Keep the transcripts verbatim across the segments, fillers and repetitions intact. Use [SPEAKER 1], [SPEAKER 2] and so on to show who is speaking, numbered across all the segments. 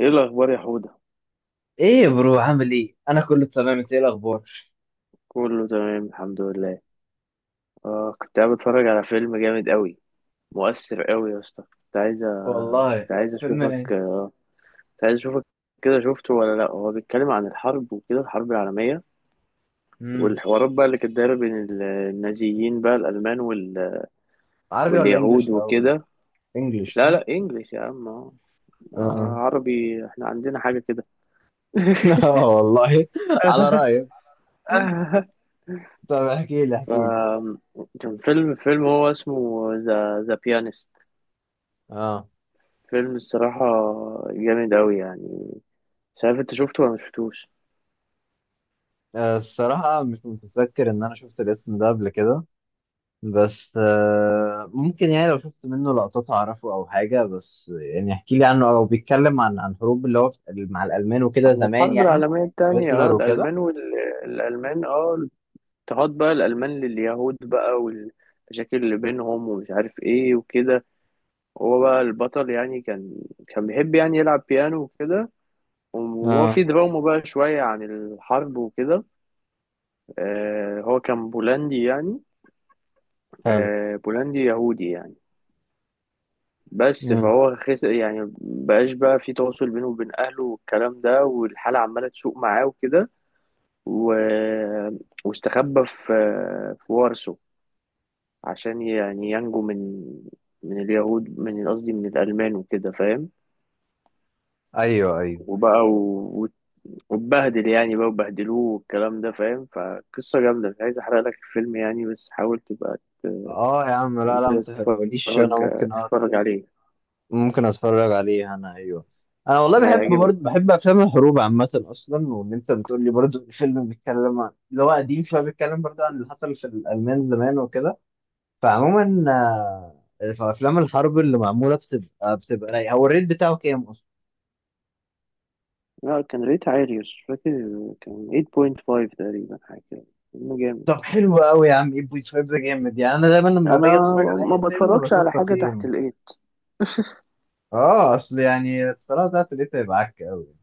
[SPEAKER 1] ايه الاخبار يا حوده؟
[SPEAKER 2] ايه يا برو عامل ايه، انا كله تمام، انت ايه الاخبار؟
[SPEAKER 1] كله تمام الحمد لله. اه كنت قاعد بتفرج على فيلم جامد قوي مؤثر قوي يا اسطى. كنت عايز
[SPEAKER 2] والله،
[SPEAKER 1] كنت عايز
[SPEAKER 2] فيلم
[SPEAKER 1] اشوفك
[SPEAKER 2] ايه؟
[SPEAKER 1] كنت عايز اشوفك كده، شفته ولا لا؟ هو بيتكلم عن الحرب وكده، الحرب العالميه،
[SPEAKER 2] امم
[SPEAKER 1] والحوارات بقى اللي كانت دايره بين ال- النازيين بقى الالمان وال...
[SPEAKER 2] عربي ولا انجليش
[SPEAKER 1] واليهود
[SPEAKER 2] الاول؟
[SPEAKER 1] وكده.
[SPEAKER 2] انجليش
[SPEAKER 1] لا
[SPEAKER 2] صح؟
[SPEAKER 1] لا، انجلش يا عم آه.
[SPEAKER 2] اه.
[SPEAKER 1] عربي احنا عندنا حاجه كده.
[SPEAKER 2] اه والله، على رايك. طب احكي لي احكي
[SPEAKER 1] ف
[SPEAKER 2] لي.
[SPEAKER 1] كان فيلم، فيلم هو اسمه ذا ذا بيانست.
[SPEAKER 2] اه.
[SPEAKER 1] فيلم الصراحة جامد أوي يعني. مش عارف أنت شفته ولا مشفتوش؟
[SPEAKER 2] آه، الصراحه مش متذكر ان انا شفت الاسم ده قبل كده، بس آه ممكن يعني لو شفت منه لقطات اعرفه او حاجه، بس يعني احكي لي عنه، او بيتكلم عن عن حروب اللي هو في- مع الالمان وكده
[SPEAKER 1] عن
[SPEAKER 2] زمان
[SPEAKER 1] الحرب
[SPEAKER 2] يعني.
[SPEAKER 1] العالمية التانية، اه
[SPEAKER 2] هتلر وكده؟
[SPEAKER 1] الألمان والألمان اه اضطهاد بقى الألمان لليهود بقى، والمشاكل اللي بينهم ومش عارف ايه وكده. هو بقى البطل يعني، كان كان بيحب يعني يلعب بيانو وكده، وهو
[SPEAKER 2] اه.
[SPEAKER 1] في دراما بقى شوية عن الحرب وكده. آه هو كان بولندي يعني.
[SPEAKER 2] حلو.
[SPEAKER 1] آه بولندي يهودي يعني. بس
[SPEAKER 2] مم.
[SPEAKER 1] فهو خس يعني، بقاش بقى في تواصل بينه وبين اهله والكلام ده، والحاله عماله تسوء معاه وكده و... واستخبى في في وارسو، عشان يعني ينجو من من اليهود، من قصدي من الالمان وكده، فاهم؟
[SPEAKER 2] ايوه ايوه.
[SPEAKER 1] وبقى و... واتبهدل يعني بقى وبهدلوه والكلام ده، فاهم؟ فقصه جامده. مش عايز احرق لك الفيلم يعني، بس حاول تبقى ت-
[SPEAKER 2] اه يا عم، لا
[SPEAKER 1] انت
[SPEAKER 2] لا ما تقوليش،
[SPEAKER 1] تتفرج
[SPEAKER 2] انا ممكن أ...
[SPEAKER 1] تتفرج عليه.
[SPEAKER 2] ممكن اتفرج عليه انا، ايوه. انا والله بحب
[SPEAKER 1] هيعجبك.
[SPEAKER 2] برضه، بحب افلام الحروب عامه اصلا، وان انت بتقول لي برضه الفيلم بيتكلم عن اللي هو قديم شويه، بيتكلم برضه عن اللي حصل في الالمان زمان وكده. فعموما، آه، فافلام الحرب اللي معموله بتبقى بتبقى رايقه. هو الريت بتاعه كام اصلا؟
[SPEAKER 1] لا، كان ريت عالي بس مش فاكر. كان ثمانية ونص تقريبا حاجة كده. فيلم جامد.
[SPEAKER 2] طب حلو قوي يا عم، تمانية فاصلة خمسة ده جامد يعني. انا دايما لما
[SPEAKER 1] أنا
[SPEAKER 2] باجي اتفرج على
[SPEAKER 1] ما
[SPEAKER 2] اي فيلم
[SPEAKER 1] بتفرجش
[SPEAKER 2] بشوف
[SPEAKER 1] على حاجة تحت
[SPEAKER 2] تقييمه،
[SPEAKER 1] الإيد.
[SPEAKER 2] اه. اصل يعني الصراحه ده في الريت هيبقى عك قوي.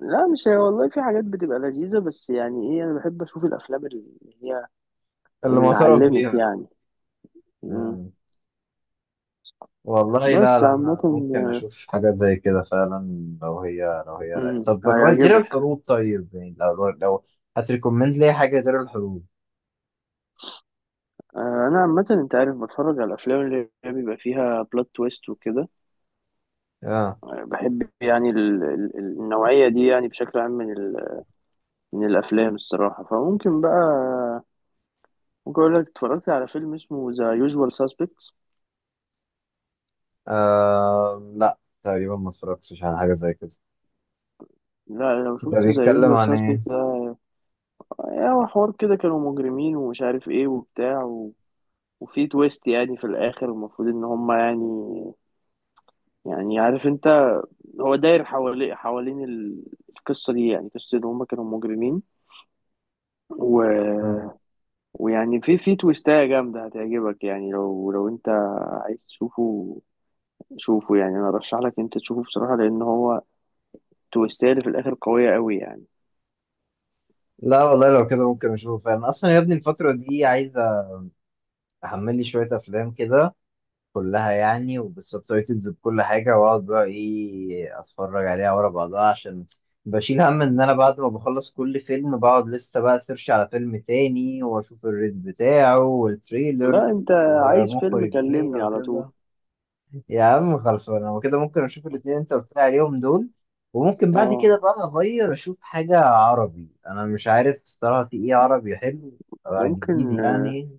[SPEAKER 1] لا مش هي، والله في حاجات بتبقى لذيذة، بس يعني إيه، أنا بحب أشوف الأفلام اللي هي
[SPEAKER 2] اللي
[SPEAKER 1] اللي
[SPEAKER 2] معترف
[SPEAKER 1] علمت
[SPEAKER 2] بيها.
[SPEAKER 1] يعني. مم.
[SPEAKER 2] آه. والله لا
[SPEAKER 1] بس
[SPEAKER 2] لا،
[SPEAKER 1] عامة.
[SPEAKER 2] انا ممكن اشوف حاجات زي كده فعلا لو هي لو هي رايقة.
[SPEAKER 1] مم،
[SPEAKER 2] طب غير
[SPEAKER 1] هيعجبك.
[SPEAKER 2] الحروب، طيب يعني، لو لو هتريكومند لي حاجه غير الحروب؟
[SPEAKER 1] آه، أنا عامة أنت عارف بتفرج على الأفلام اللي هي بيبقى فيها بلوت تويست وكده.
[SPEAKER 2] اه.
[SPEAKER 1] آه، بحب يعني ال- ال- النوعية دي يعني بشكل عام، من ال- من الأفلام الصراحة. فممكن بقى ممكن أقول لك اتفرجت على فيلم اسمه ذا يوجوال ساسبكتس.
[SPEAKER 2] آه لا، تقريبا ما اتفرجتش على حاجه زي كده.
[SPEAKER 1] لا لو
[SPEAKER 2] ده
[SPEAKER 1] شفت ذا
[SPEAKER 2] بيتكلم
[SPEAKER 1] يوجوال
[SPEAKER 2] عن ايه؟
[SPEAKER 1] ساسبكتس ده، يعني هو حوار كده، كانوا مجرمين ومش عارف ايه وبتاع و... وفي تويست يعني في الآخر، المفروض إن هما يعني، يعني عارف انت، هو داير حوالي حوالين ال- القصة دي، يعني قصة إن هما كانوا مجرمين و...
[SPEAKER 2] مم.
[SPEAKER 1] ويعني في في تويستاية جامدة هتعجبك، يعني لو لو انت عايز تشوفه شوفه. يعني انا ارشح لك انت تشوفه بصراحة، لان هو تويستاية اللي في الاخر قوية قوي يعني.
[SPEAKER 2] لا والله لو كده ممكن اشوفه فعلا. اصلا يا ابني الفتره دي عايز احمل لي شويه افلام كده، كلها يعني وبالسبتايتلز بكل حاجة، وأقعد بقى إيه، أتفرج عليها ورا بعضها، عشان بشيل هم إن أنا بعد ما بخلص كل فيلم بقعد لسه بقى سيرش على فيلم تاني وأشوف الريت بتاعه والتريلر
[SPEAKER 1] لا انت عايز فيلم
[SPEAKER 2] ومخرج مين
[SPEAKER 1] كلمني على طول.
[SPEAKER 2] وكده. يا عم خلاص، أنا وكده ممكن أشوف الاتنين أنت قلت لي عليهم دول، وممكن بعد كده
[SPEAKER 1] اه،
[SPEAKER 2] بقى أغير أشوف حاجة عربي. أنا مش عارف الصراحة في إيه عربي حلو؟ آه، جديد
[SPEAKER 1] ممكن.
[SPEAKER 2] يعني.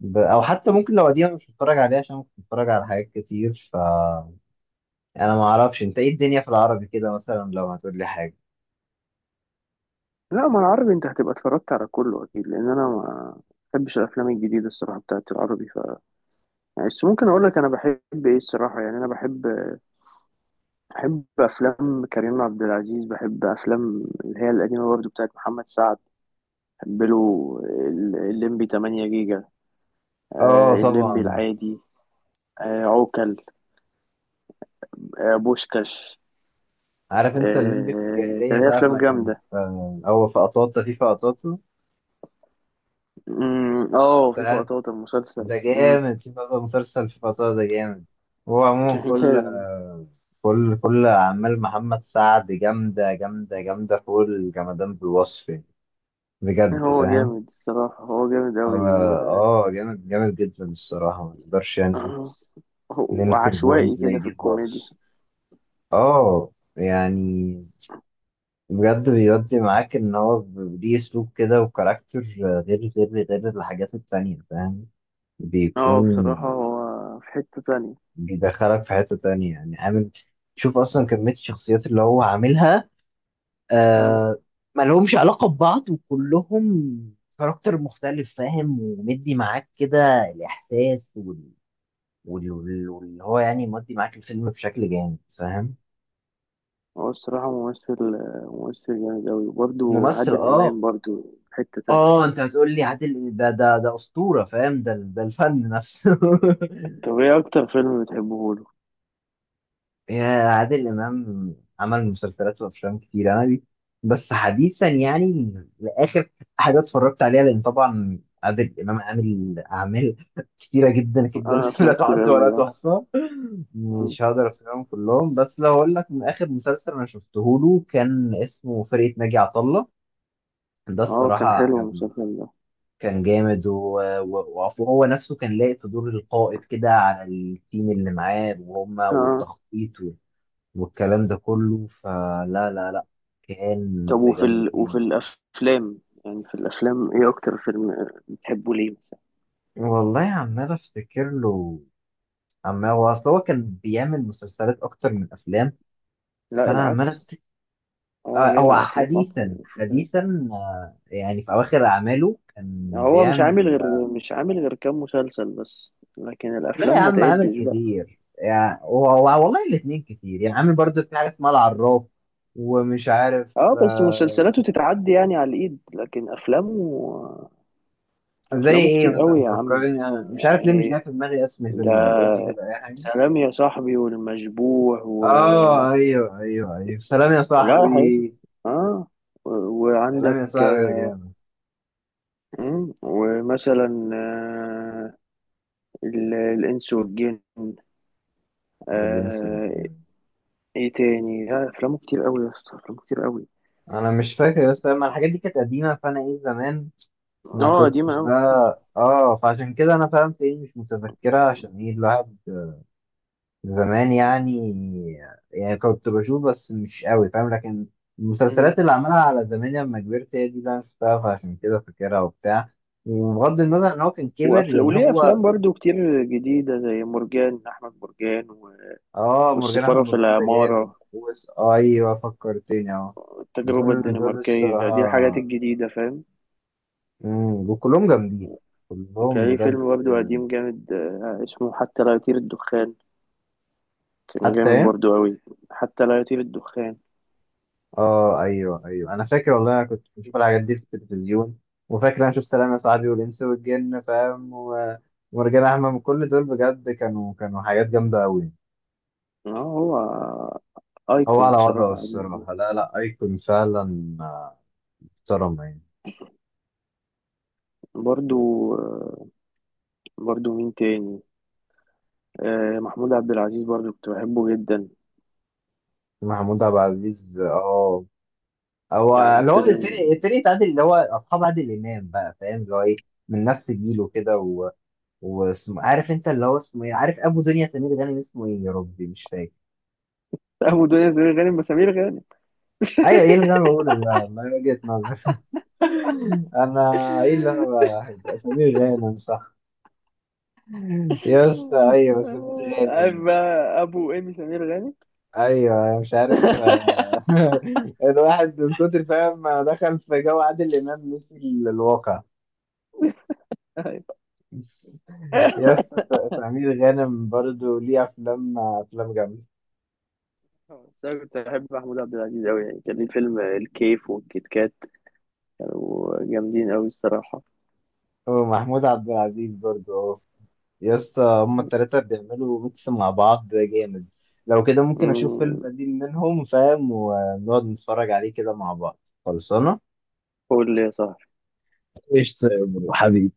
[SPEAKER 2] ب... او حتى ممكن لو قديمه، مش بتفرج عليها عشان كنت بتفرج على حاجات كتير. ف يعني انا ما اعرفش انت ايه الدنيا في العربي كده، مثلا لو هتقول لي حاجه.
[SPEAKER 1] لا، ما العربي انت هتبقى اتفرجت على كله اكيد، لان انا ما بحبش الافلام الجديده الصراحه بتاعت العربي. ف يعني، بس ممكن اقول لك انا بحب ايه الصراحه. يعني انا بحب بحب افلام كريم عبد العزيز. بحب افلام اللي هي القديمه برضو بتاعت محمد سعد. بحب له ال- الليمبي تمانية جيجا. آه،
[SPEAKER 2] اه
[SPEAKER 1] الليمبي
[SPEAKER 2] طبعا.
[SPEAKER 1] العادي. آه، عوكل. آه، بوشكاش.
[SPEAKER 2] عارف انت الليمبي في
[SPEAKER 1] آه،
[SPEAKER 2] الجاهليه،
[SPEAKER 1] كان ليه
[SPEAKER 2] ساعه
[SPEAKER 1] افلام
[SPEAKER 2] ما كان
[SPEAKER 1] جامده.
[SPEAKER 2] في- هو في قطاطا، في في قطاطا
[SPEAKER 1] أمم، اه في
[SPEAKER 2] ساعه،
[SPEAKER 1] لقطات المسلسل
[SPEAKER 2] ده
[SPEAKER 1] أمم،
[SPEAKER 2] جامد. في قطاطا مسلسل في قطاطا ده جامد. هو عموما
[SPEAKER 1] كان
[SPEAKER 2] كل
[SPEAKER 1] جامد.
[SPEAKER 2] كل كل اعمال محمد سعد جامده جامده جامده فوق الجمدان بالوصف يعني. بجد
[SPEAKER 1] هو
[SPEAKER 2] فاهم.
[SPEAKER 1] جامد الصراحة، هو جامد أوي و...
[SPEAKER 2] اه. آه، جامد جامد جدا الصراحه. ما اقدرش يعني ننكر بوينت
[SPEAKER 1] وعشوائي
[SPEAKER 2] زي
[SPEAKER 1] كده في
[SPEAKER 2] دي
[SPEAKER 1] الكوميديا.
[SPEAKER 2] خالص. اه يعني، بجد بيودي معاك ان هو ب- ليه اسلوب كده، وكاركتر غير غير غير الحاجات التانية فاهم.
[SPEAKER 1] اه
[SPEAKER 2] بيكون
[SPEAKER 1] بصراحة هو في حتة تانية.
[SPEAKER 2] بيدخلك في حتة تانية يعني. عامل، شوف اصلا كمية الشخصيات اللي هو عاملها.
[SPEAKER 1] أمم،
[SPEAKER 2] آه، ما لهمش علاقة ببعض، وكلهم كاركتر مختلف فاهم، ومدي معاك كده الاحساس وال- وال- وال- واللي هو يعني مدي معاك الفيلم بشكل جامد فاهم.
[SPEAKER 1] هو الصراحة ممثل ممثل جامد أوي، وبرضه
[SPEAKER 2] ممثل،
[SPEAKER 1] عادل
[SPEAKER 2] اه.
[SPEAKER 1] إمام برضه في حتة تانية.
[SPEAKER 2] اه انت هتقول لي عادل، ده ده ده اسطوره فاهم، ده ده الفن نفسه.
[SPEAKER 1] طب ايه أكتر فيلم بتحبه له؟
[SPEAKER 2] يا عادل امام عمل مسلسلات وافلام كتير، انا دي بس حديثا يعني، لاخر حاجه اتفرجت عليها، لان طبعا عادل امام عامل اعمال كتيره جدا جدا.
[SPEAKER 1] أنا
[SPEAKER 2] لا
[SPEAKER 1] أفلام كتير
[SPEAKER 2] تعد
[SPEAKER 1] أوي
[SPEAKER 2] ولا
[SPEAKER 1] اه
[SPEAKER 2] تحصى.
[SPEAKER 1] أمم،
[SPEAKER 2] مش هقدر افتكرهم كلهم، بس لو اقول لك، من اخر مسلسل انا شفته له كان اسمه فرقه ناجي عطا الله. ده
[SPEAKER 1] اه،
[SPEAKER 2] الصراحه
[SPEAKER 1] كان حلو
[SPEAKER 2] عجبني.
[SPEAKER 1] المسلسل ده.
[SPEAKER 2] كان جامد و- و- وعفو، هو نفسه كان لاقي في دور القائد كده على التيم اللي معاه وهم
[SPEAKER 1] اه.
[SPEAKER 2] والتخطيط و- والكلام ده كله. فلا لا لا، كان
[SPEAKER 1] طب وفي
[SPEAKER 2] بجد.
[SPEAKER 1] ال... وفي الأفلام، يعني في الأفلام ايه أكتر فيلم بتحبه ليه مثلا؟
[SPEAKER 2] والله عمال افتكر له، عمال. هو اصل هو كان بيعمل مسلسلات اكتر من افلام،
[SPEAKER 1] لا
[SPEAKER 2] فانا عمال
[SPEAKER 1] العكس،
[SPEAKER 2] افتكر.
[SPEAKER 1] هو
[SPEAKER 2] آه، هو
[SPEAKER 1] بيعمل افلام اكتر
[SPEAKER 2] حديثا
[SPEAKER 1] من مسلسلات.
[SPEAKER 2] حديثا، آه، يعني في اواخر اعماله كان
[SPEAKER 1] هو مش عامل
[SPEAKER 2] بيعمل.
[SPEAKER 1] غير مش عامل غير كام مسلسل بس، لكن
[SPEAKER 2] لا
[SPEAKER 1] الافلام
[SPEAKER 2] يا
[SPEAKER 1] ما
[SPEAKER 2] عم عامل
[SPEAKER 1] تعدش بقى.
[SPEAKER 2] كتير يعني، و- و- والله الاتنين كتير يعني، عامل برضو في حاجة اسمها العراف، ومش عارف.
[SPEAKER 1] اه، بس
[SPEAKER 2] آه،
[SPEAKER 1] مسلسلاته تتعدي يعني على الايد، لكن افلامه،
[SPEAKER 2] زي
[SPEAKER 1] افلامه
[SPEAKER 2] ايه
[SPEAKER 1] كتير قوي
[SPEAKER 2] مثلا؟
[SPEAKER 1] يا عم
[SPEAKER 2] فكرني، انا مش عارف ليه مش
[SPEAKER 1] يعني.
[SPEAKER 2] جاي في دماغي اسم الفيلم دي.
[SPEAKER 1] ده
[SPEAKER 2] قول لي كده اي حاجة.
[SPEAKER 1] سلام يا صاحبي، والمشبوح و
[SPEAKER 2] اه ايوه ايوه ايوه، سلام يا
[SPEAKER 1] لا حقيقي.
[SPEAKER 2] صاحبي.
[SPEAKER 1] اه، و-
[SPEAKER 2] سلام
[SPEAKER 1] وعندك
[SPEAKER 2] يا صاحبي يا
[SPEAKER 1] آه،
[SPEAKER 2] جامد.
[SPEAKER 1] مم، ومثلا آه، ال- الانس والجن.
[SPEAKER 2] والانس والجامد.
[SPEAKER 1] ايه تاني؟ لا افلامه كتير قوي يا اسطى، افلامه كتير قوي.
[SPEAKER 2] انا مش فاكر، بس انا الحاجات دي كانت قديمة، فانا ايه زمان
[SPEAKER 1] اه
[SPEAKER 2] ما
[SPEAKER 1] اه قديمه
[SPEAKER 2] كنتش
[SPEAKER 1] قوي.
[SPEAKER 2] بقى اه، فعشان كده انا فهمت ايه مش متذكرة عشان ايه. الواحد زمان يعني، يعني كنت بشوف بس مش قوي فاهم، لكن
[SPEAKER 1] امم
[SPEAKER 2] المسلسلات اللي عملها على زمان لما كبرت هي دي اللي انا شفتها فعشان كده فاكرها وبتاع. وبغض النظر ان هو كان كبر
[SPEAKER 1] وافلام،
[SPEAKER 2] يعني
[SPEAKER 1] وليه
[SPEAKER 2] هو.
[SPEAKER 1] افلام برضو كتير جديده، زي مرجان احمد مرجان و...
[SPEAKER 2] اه، مرجان احمد
[SPEAKER 1] والسفاره في
[SPEAKER 2] مرجان ده جامد،
[SPEAKER 1] العماره،
[SPEAKER 2] وس- ايوه فكرتني اهو.
[SPEAKER 1] والتجربه
[SPEAKER 2] دول دول
[SPEAKER 1] الدنماركيه، دي الحاجات
[SPEAKER 2] الصراحه،
[SPEAKER 1] الجديده، فاهم؟
[SPEAKER 2] امم وكلهم جامدين، كلهم
[SPEAKER 1] كان ليه
[SPEAKER 2] بجد.
[SPEAKER 1] فيلم برضو قديم جامد آه، اسمه حتى لا يطير الدخان. كان جامد
[SPEAKER 2] حتى،
[SPEAKER 1] برضو قوي. حتى لا يطير الدخان.
[SPEAKER 2] اه ايوه ايوه، انا فاكر والله، انا كنت بشوف الحاجات دي في التلفزيون. وفاكر انا شفت سلام يا صاحبي والانس والجن فاهم، و- ومرجان احمد، كل دول بجد كانوا كانوا حاجات جامده قوي.
[SPEAKER 1] اه، هو
[SPEAKER 2] هو
[SPEAKER 1] ايكون
[SPEAKER 2] على وضعه
[SPEAKER 1] بصراحه.
[SPEAKER 2] الصراحه، لا لا، ايكون فعلا، آه، محترم يعني.
[SPEAKER 1] برضو آه، برضو مين تاني؟ آه، محمود عبد العزيز برضو كنت بحبه جدا،
[SPEAKER 2] محمود عبد العزيز، اه، هو
[SPEAKER 1] يعني
[SPEAKER 2] اللي هو
[SPEAKER 1] فيلم.
[SPEAKER 2] الفريق، الفريق بتاع عادل، اللي هو اصحاب عادل امام بقى فاهم، اللي هو ايه، من نفس جيله كده و... واسمه، عارف انت اللي هو اسمه ايه، عارف، ابو دنيا سمير غانم، اسمه ايه يا ربي مش فاكر.
[SPEAKER 1] أبو دنيا سمير غانم، وسمير غانم.
[SPEAKER 2] ايوه، ايه اللي انا بقوله ده والله، وجهة نظر. انا، ايه اللي انا بحب سمير غانم صح يا اسطى، ايوه سمير
[SPEAKER 1] عارف
[SPEAKER 2] غانم.
[SPEAKER 1] بقى أبو إيمي سمير غانم.
[SPEAKER 2] ايوه، أنا مش عارف آه، الواحد من كتر فاهم ما دخل في جو عادل امام نسي ال- الواقع.
[SPEAKER 1] أيوة.
[SPEAKER 2] يا اسطى، س- سمير غانم برضو ليه افلام، افلام جامده.
[SPEAKER 1] بس أنا كنت بحب محمود عبد العزيز أوي يعني، كان ليه فيلم الكيف والكيت كات، كانوا جامدين أوي الصراحة.
[SPEAKER 2] ومحمود عبد العزيز برضو. يس، هما التلاتة بيعملوا ميكس مع بعض جامد. لو كده ممكن أشوف فيلم
[SPEAKER 1] أمم،
[SPEAKER 2] قديم منهم فاهم، ونقعد نتفرج عليه كده مع بعض. خلصانة.
[SPEAKER 1] قول لي يا صاحبي.
[SPEAKER 2] قشطة يا برو حبيبي.